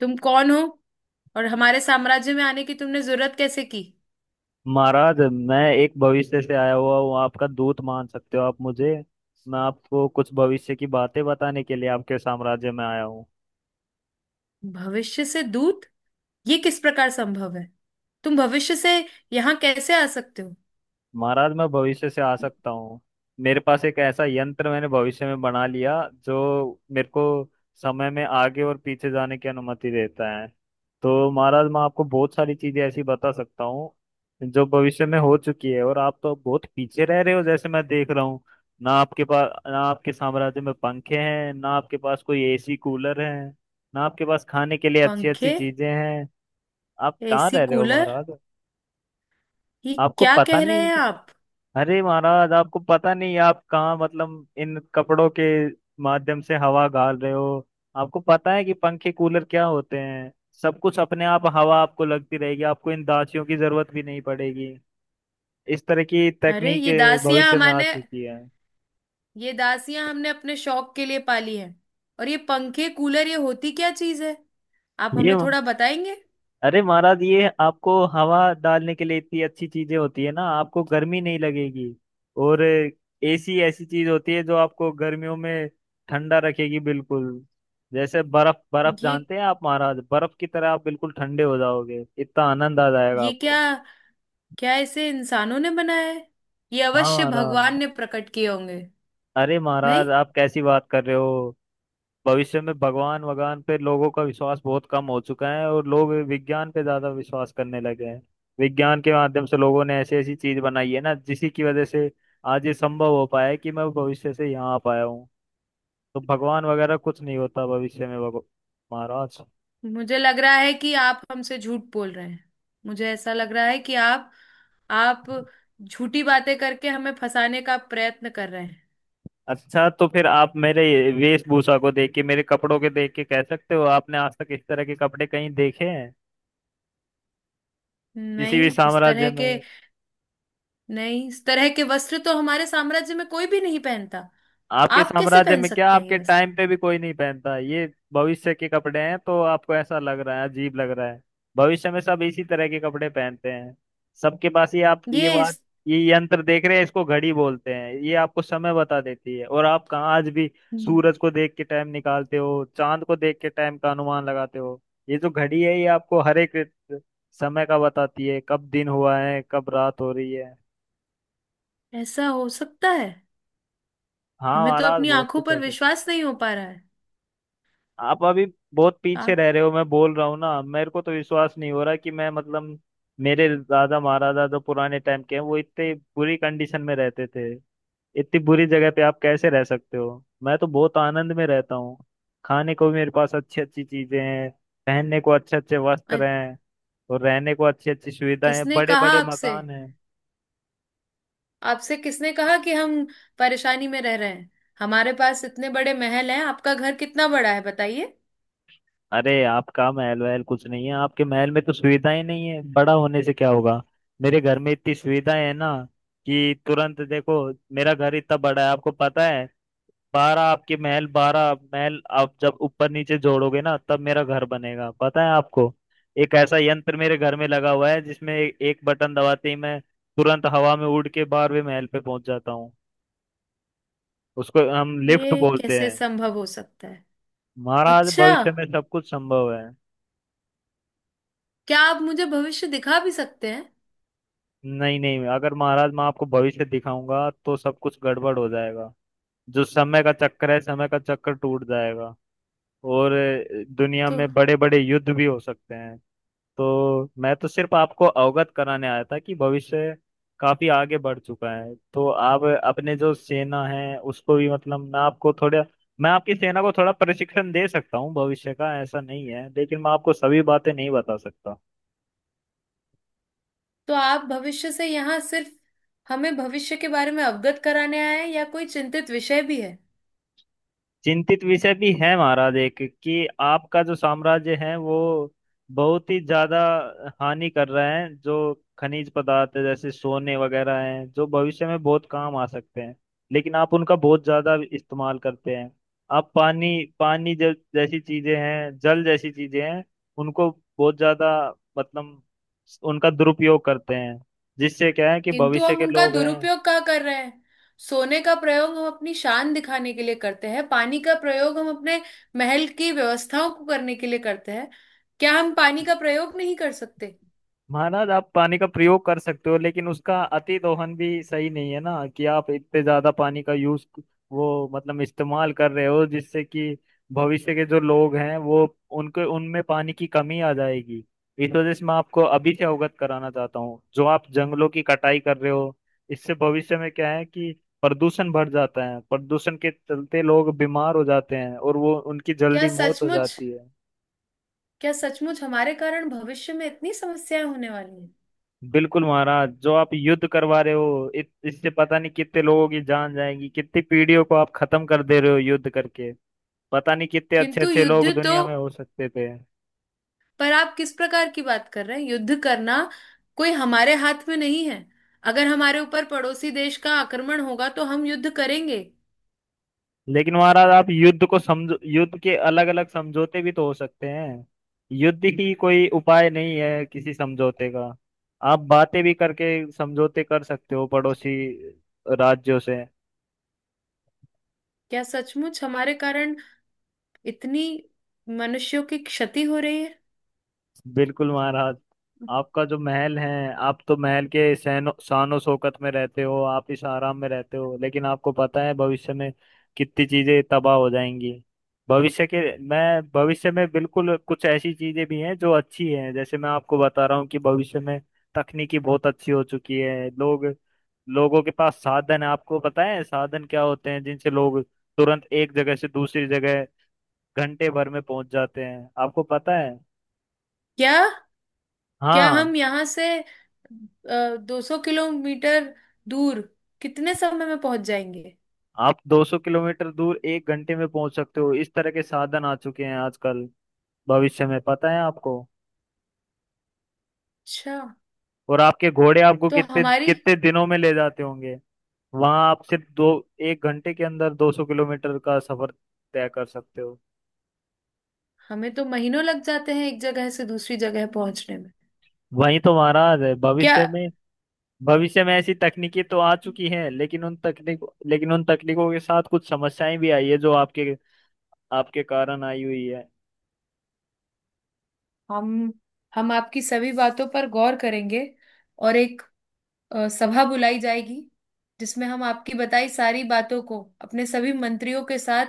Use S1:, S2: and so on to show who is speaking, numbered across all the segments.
S1: तुम कौन हो? और हमारे साम्राज्य में आने की तुमने जरूरत कैसे की?
S2: महाराज मैं एक भविष्य से आया हुआ हूँ। आपका दूत मान सकते हो आप मुझे। मैं आपको कुछ भविष्य की बातें बताने के लिए आपके साम्राज्य में आया हूँ।
S1: भविष्य से दूत? ये किस प्रकार संभव है? तुम भविष्य से यहाँ कैसे आ सकते हो?
S2: महाराज मैं भविष्य से आ सकता हूँ। मेरे पास एक ऐसा यंत्र मैंने भविष्य में बना लिया जो मेरे को समय में आगे और पीछे जाने की अनुमति देता है। तो महाराज मैं आपको बहुत सारी चीजें ऐसी बता सकता हूँ जो भविष्य में हो चुकी है। और आप तो बहुत पीछे रह रहे हो जैसे मैं देख रहा हूँ। ना आपके पास ना आपके साम्राज्य में पंखे हैं, ना आपके पास कोई एसी कूलर है, ना आपके पास खाने के लिए अच्छी अच्छी
S1: पंखे?
S2: चीजें हैं। आप कहाँ
S1: एसी
S2: रह रहे हो
S1: कूलर?
S2: महाराज।
S1: ये
S2: आपको
S1: क्या
S2: पता
S1: कह रहे
S2: नहीं।
S1: हैं आप?
S2: अरे महाराज आपको पता नहीं आप कहाँ, मतलब इन कपड़ों के माध्यम से हवा गाल रहे हो। आपको पता है कि पंखे कूलर क्या होते हैं। सब कुछ अपने आप हवा आपको लगती रहेगी, आपको इन दासियों की जरूरत भी नहीं पड़ेगी। इस तरह की
S1: अरे
S2: तकनीक
S1: ये दासियां
S2: भविष्य में आ
S1: हमारे
S2: चुकी है।
S1: ये दासियां हमने अपने शौक के लिए पाली है। और ये पंखे कूलर, ये होती क्या चीज है? आप
S2: ये
S1: हमें थोड़ा बताएंगे?
S2: अरे महाराज ये आपको हवा डालने के लिए इतनी अच्छी चीजें होती है ना, आपको गर्मी नहीं लगेगी। और एसी ऐसी चीज होती है जो आपको गर्मियों में ठंडा रखेगी बिल्कुल। जैसे बर्फ, बर्फ
S1: ये
S2: जानते हैं आप महाराज, बर्फ की तरह आप बिल्कुल ठंडे हो जाओगे, इतना आनंद आ जाएगा
S1: ये क्या?
S2: आपको।
S1: क्या इसे इंसानों ने बनाया है? ये
S2: हाँ
S1: अवश्य
S2: महाराज।
S1: भगवान ने प्रकट किए होंगे।
S2: अरे
S1: नहीं,
S2: महाराज आप कैसी बात कर रहे हो। भविष्य में भगवान वगवान पे लोगों का विश्वास बहुत कम हो चुका है और लोग विज्ञान पे ज्यादा विश्वास करने लगे हैं। विज्ञान के माध्यम से लोगों ने ऐसी ऐसी चीज बनाई है ना जिसी की वजह से आज ये संभव हो पाया है कि मैं भविष्य से यहाँ आ पाया हूँ। तो भगवान वगैरह कुछ नहीं होता भविष्य में। महाराज
S1: मुझे लग रहा है कि आप हमसे झूठ बोल रहे हैं। मुझे ऐसा लग रहा है कि आप झूठी बातें करके हमें फंसाने का प्रयत्न कर रहे हैं।
S2: अच्छा तो फिर आप मेरे वेशभूषा को देख के, मेरे कपड़ों के देख के कह सकते हो, आपने आज तक इस तरह के कपड़े कहीं देखे हैं किसी भी
S1: नहीं इस
S2: साम्राज्य
S1: तरह के
S2: में?
S1: नहीं, इस तरह के वस्त्र तो हमारे साम्राज्य में कोई भी नहीं पहनता।
S2: आपके
S1: आप कैसे
S2: साम्राज्य
S1: पहन
S2: में क्या
S1: सकते हैं
S2: आपके
S1: ये वस्त्र?
S2: टाइम पे भी कोई नहीं पहनता है। ये भविष्य के कपड़े हैं, तो आपको ऐसा लग रहा है, अजीब लग रहा है। भविष्य में सब इसी तरह के कपड़े पहनते हैं। सबके पास ये आप ये
S1: ये
S2: बात,
S1: इस
S2: ये यंत्र देख रहे हैं, इसको घड़ी बोलते हैं। ये आपको समय बता देती है। और आप कहाँ आज भी
S1: हम्म,
S2: सूरज को देख के टाइम निकालते हो, चांद को देख के टाइम का अनुमान लगाते हो। ये जो घड़ी है ये आपको हर एक समय का बताती है, कब दिन हुआ है, कब रात हो रही है।
S1: ऐसा हो सकता है?
S2: हाँ
S1: हमें तो
S2: महाराज
S1: अपनी
S2: बहुत
S1: आंखों
S2: कुछ
S1: पर
S2: हो।
S1: विश्वास नहीं हो पा रहा है।
S2: आप अभी बहुत
S1: आ,
S2: पीछे रह रहे हो, मैं बोल रहा हूँ ना। मेरे को तो विश्वास नहीं हो रहा कि मैं, मतलब मेरे दादा महाराजा जो पुराने टाइम के हैं, वो इतने बुरी कंडीशन में रहते थे। इतनी बुरी जगह पे आप कैसे रह सकते हो। मैं तो बहुत आनंद में रहता हूँ। खाने को भी मेरे पास अच्छी अच्छी चीजें हैं, पहनने को अच्छे अच्छे वस्त्र
S1: अ-
S2: हैं, और रहने को अच्छी अच्छी सुविधाएं हैं,
S1: किसने
S2: बड़े
S1: कहा
S2: बड़े
S1: आपसे?
S2: मकान हैं।
S1: आपसे किसने कहा कि हम परेशानी में रह रहे हैं? हमारे पास इतने बड़े महल हैं। आपका घर कितना बड़ा है, बताइए।
S2: अरे आपका महल वहल कुछ नहीं है। आपके महल में तो सुविधाएं नहीं है, बड़ा होने से क्या होगा। मेरे घर में इतनी सुविधाएं है ना कि तुरंत देखो, मेरा घर इतना बड़ा है आपको पता है। बारह आपके महल, बारह महल आप जब ऊपर नीचे जोड़ोगे ना, तब मेरा घर बनेगा, पता है आपको। एक ऐसा यंत्र मेरे घर में लगा हुआ है जिसमें एक बटन दबाते ही मैं तुरंत हवा में उड़ के बारहवें महल पे पहुंच जाता हूँ। उसको हम लिफ्ट
S1: ये
S2: बोलते
S1: कैसे
S2: हैं।
S1: संभव हो सकता है?
S2: महाराज
S1: अच्छा,
S2: भविष्य में सब कुछ संभव है।
S1: क्या आप मुझे भविष्य दिखा भी सकते हैं?
S2: नहीं नहीं, अगर महाराज मैं आपको भविष्य दिखाऊंगा तो सब कुछ गड़बड़ हो जाएगा। जो समय का चक्कर है, समय का चक्कर टूट जाएगा और दुनिया
S1: तो
S2: में बड़े बड़े युद्ध भी हो सकते हैं। तो मैं तो सिर्फ आपको अवगत कराने आया था कि भविष्य काफी आगे बढ़ चुका है। तो आप अपने जो सेना है उसको भी, मतलब मैं आपको थोड़ा, मैं आपकी सेना को थोड़ा प्रशिक्षण दे सकता हूँ भविष्य का, ऐसा नहीं है लेकिन मैं आपको सभी बातें नहीं बता सकता।
S1: तो आप भविष्य से यहाँ सिर्फ हमें भविष्य के बारे में अवगत कराने आए हैं या कोई चिंतित विषय भी है?
S2: चिंतित विषय भी है महाराज एक, कि आपका जो साम्राज्य है वो बहुत ही ज्यादा हानि कर रहा है। जो खनिज पदार्थ है, जैसे सोने वगैरह हैं, जो भविष्य में बहुत काम आ सकते हैं, लेकिन आप उनका बहुत ज्यादा इस्तेमाल करते हैं। आप पानी, पानी जो जैसी चीजें हैं, जल जैसी चीजें हैं, उनको बहुत ज्यादा, मतलब उनका दुरुपयोग करते हैं। जिससे क्या है कि
S1: किंतु
S2: भविष्य
S1: हम
S2: के
S1: उनका
S2: लोग हैं।
S1: दुरुपयोग क्या कर रहे हैं? सोने का प्रयोग हम अपनी शान दिखाने के लिए करते हैं, पानी का प्रयोग हम अपने महल की व्यवस्थाओं को करने के लिए करते हैं। क्या हम पानी का प्रयोग नहीं कर सकते?
S2: महाराज आप पानी का प्रयोग कर सकते हो, लेकिन उसका अति दोहन भी सही नहीं है ना। कि आप इतने ज्यादा पानी का यूज, वो मतलब इस्तेमाल कर रहे हो जिससे कि भविष्य के जो लोग हैं वो, उनके उनमें पानी की कमी आ जाएगी। इस वजह से मैं आपको अभी से अवगत कराना चाहता हूँ। जो आप जंगलों की कटाई कर रहे हो, इससे भविष्य में क्या है कि प्रदूषण बढ़ जाता है। प्रदूषण के चलते लोग बीमार हो जाते हैं और वो उनकी
S1: क्या
S2: जल्दी मौत हो
S1: सचमुच
S2: जाती है।
S1: क्या सचमुच हमारे कारण भविष्य में इतनी समस्याएं होने वाली हैं?
S2: बिल्कुल महाराज, जो आप युद्ध करवा रहे हो, इससे पता नहीं कितने लोगों की जान जाएगी, कितनी पीढ़ियों को आप खत्म कर दे रहे हो युद्ध करके। पता नहीं कितने अच्छे
S1: किंतु
S2: अच्छे
S1: युद्ध
S2: लोग
S1: तो,
S2: दुनिया में हो सकते थे।
S1: पर आप किस प्रकार की बात कर रहे हैं? युद्ध करना कोई हमारे हाथ में नहीं है। अगर हमारे ऊपर पड़ोसी देश का आक्रमण होगा तो हम युद्ध करेंगे।
S2: लेकिन महाराज आप युद्ध को समझो, युद्ध के अलग अलग समझौते भी तो हो सकते हैं। युद्ध ही कोई उपाय नहीं है किसी समझौते का। आप बातें भी करके समझौते कर सकते हो पड़ोसी राज्यों से।
S1: क्या सचमुच हमारे कारण इतनी मनुष्यों की क्षति हो रही है?
S2: बिल्कुल महाराज, आपका जो महल है, आप तो महल के सैनो शानो शौकत में रहते हो, आप इस आराम में रहते हो, लेकिन आपको पता है भविष्य में कितनी चीजें तबाह हो जाएंगी। भविष्य के, मैं भविष्य में बिल्कुल कुछ ऐसी चीजें भी हैं जो अच्छी हैं, जैसे मैं आपको बता रहा हूँ कि भविष्य में तकनीकी बहुत अच्छी हो चुकी है। लोग, लोगों के पास साधन है। आपको पता है साधन क्या होते हैं, जिनसे लोग तुरंत एक जगह से दूसरी जगह घंटे भर में पहुंच जाते हैं, आपको पता है।
S1: क्या क्या
S2: हाँ,
S1: हम यहाँ से 200 किलोमीटर दूर कितने समय में पहुंच जाएंगे?
S2: आप 200 किलोमीटर दूर एक घंटे में पहुंच सकते हो। इस तरह के साधन आ चुके हैं आजकल भविष्य में, पता है आपको।
S1: अच्छा।
S2: और आपके घोड़े आपको
S1: तो
S2: कितने
S1: हमारी
S2: कितने दिनों में ले जाते होंगे। वहां आप सिर्फ दो, एक घंटे के अंदर 200 किलोमीटर का सफर तय कर सकते हो।
S1: हमें तो महीनों लग जाते हैं एक जगह से दूसरी जगह पहुंचने में।
S2: वही तो महाराज है
S1: क्या
S2: भविष्य में। भविष्य में ऐसी तकनीकी तो आ चुकी हैं, लेकिन उन तकनीक, लेकिन उन तकनीकों के साथ कुछ समस्याएं भी आई है जो आपके, आपके कारण आई हुई है।
S1: हम हम आपकी सभी बातों पर गौर करेंगे। और एक सभा बुलाई जाएगी जिसमें हम आपकी बताई सारी बातों को अपने सभी मंत्रियों के साथ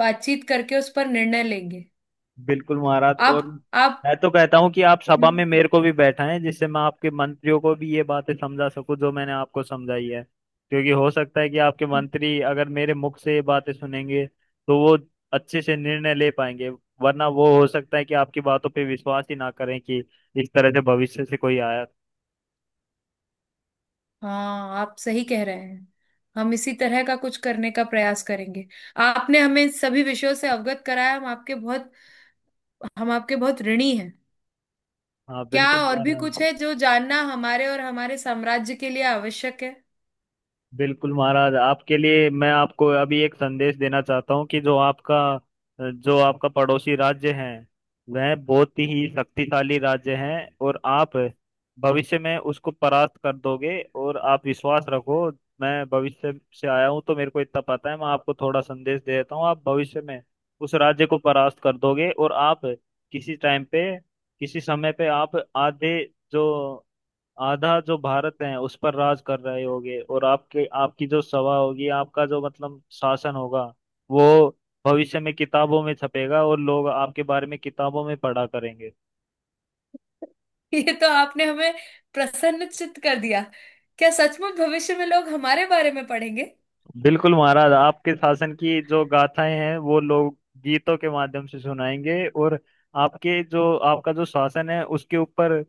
S1: बातचीत करके उस पर निर्णय लेंगे।
S2: बिल्कुल महाराज।
S1: आप
S2: और
S1: आप
S2: मैं तो कहता हूँ कि आप सभा में मेरे को भी बैठाएं, जिससे मैं आपके मंत्रियों को भी ये बातें समझा सकूं जो मैंने आपको समझाई है। क्योंकि हो सकता है कि आपके मंत्री अगर मेरे मुख से ये बातें सुनेंगे तो वो अच्छे से निर्णय ले पाएंगे। वरना वो हो सकता है कि आपकी बातों पे विश्वास ही ना करें कि इस तरह से भविष्य से कोई आया।
S1: हाँ, आप सही कह रहे हैं। हम इसी तरह का कुछ करने का प्रयास करेंगे। आपने हमें इन सभी विषयों से अवगत कराया। हम आपके बहुत ऋणी हैं।
S2: हाँ
S1: क्या
S2: बिल्कुल
S1: और भी
S2: महाराज।
S1: कुछ है जो जानना हमारे और हमारे साम्राज्य के लिए आवश्यक है?
S2: बिल्कुल महाराज, आपके लिए मैं आपको अभी एक संदेश देना चाहता हूँ कि जो आपका, जो आपका पड़ोसी राज्य है, वह बहुत ही शक्तिशाली राज्य है, और आप भविष्य में उसको परास्त कर दोगे। और आप विश्वास रखो, मैं भविष्य से आया हूँ तो मेरे को इतना पता है। मैं आपको थोड़ा संदेश दे देता हूँ, आप भविष्य में उस राज्य को परास्त कर दोगे। और आप किसी टाइम पे, किसी समय पे आप आधे, जो आधा जो भारत है उस पर राज कर रहे होगे। और आपके, आपकी जो सभा होगी, आपका जो मतलब शासन होगा, वो भविष्य में किताबों में छपेगा और लोग आपके बारे में किताबों में पढ़ा करेंगे।
S1: ये तो आपने हमें प्रसन्नचित्त कर दिया। क्या सचमुच भविष्य में लोग हमारे बारे में पढ़ेंगे?
S2: बिल्कुल महाराज, आपके शासन की जो गाथाएं हैं वो लोग गीतों के माध्यम से सुनाएंगे। और आपके जो, आपका जो शासन है उसके ऊपर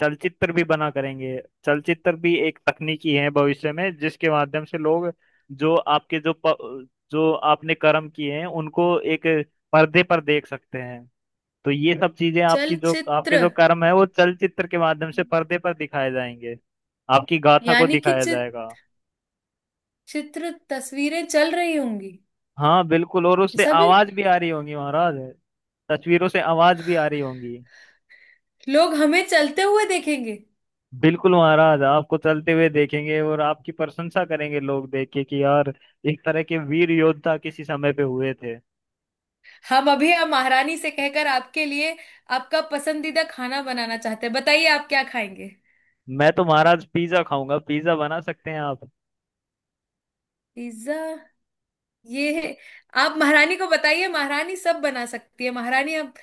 S2: चलचित्र भी बना करेंगे। चलचित्र भी एक तकनीकी है भविष्य में, जिसके माध्यम से लोग जो आपके जो आपने कर्म किए हैं उनको एक पर्दे पर देख सकते हैं। तो ये सब चीजें आपकी जो, आपके
S1: चलचित्र?
S2: जो कर्म है वो चलचित्र के माध्यम से पर्दे पर दिखाए जाएंगे। आपकी गाथा को
S1: यानी कि
S2: दिखाया जाएगा।
S1: चित्र तस्वीरें चल रही होंगी?
S2: हाँ बिल्कुल, और उससे
S1: ऐसा भी?
S2: आवाज भी आ रही होंगी महाराज। तस्वीरों से आवाज भी आ रही होंगी।
S1: लोग हमें चलते हुए देखेंगे?
S2: बिल्कुल महाराज, आपको चलते हुए देखेंगे और आपकी प्रशंसा करेंगे लोग, देख के कि यार एक तरह के वीर योद्धा किसी समय पे हुए थे।
S1: हम अभी आप महारानी से कहकर आपके लिए आपका पसंदीदा खाना बनाना चाहते हैं। बताइए, आप क्या खाएंगे?
S2: मैं तो महाराज पिज्जा खाऊंगा, पिज्जा बना सकते हैं आप।
S1: पिज्जा? ये है। आप महारानी को बताइए, महारानी सब बना सकती है। महारानी आप,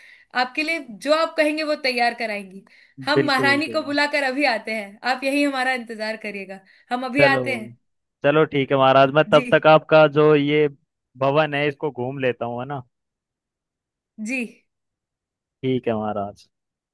S1: आपके लिए जो आप कहेंगे वो तैयार कराएंगी। हम
S2: बिल्कुल
S1: महारानी
S2: बिल्कुल।
S1: को बुलाकर अभी आते हैं। आप यही हमारा इंतजार करिएगा। हम अभी
S2: चलो,
S1: आते हैं।
S2: चलो ठीक है महाराज, मैं
S1: जी।
S2: तब तक आपका जो ये भवन है इसको घूम लेता हूँ, है ना।
S1: जी।
S2: ठीक है महाराज।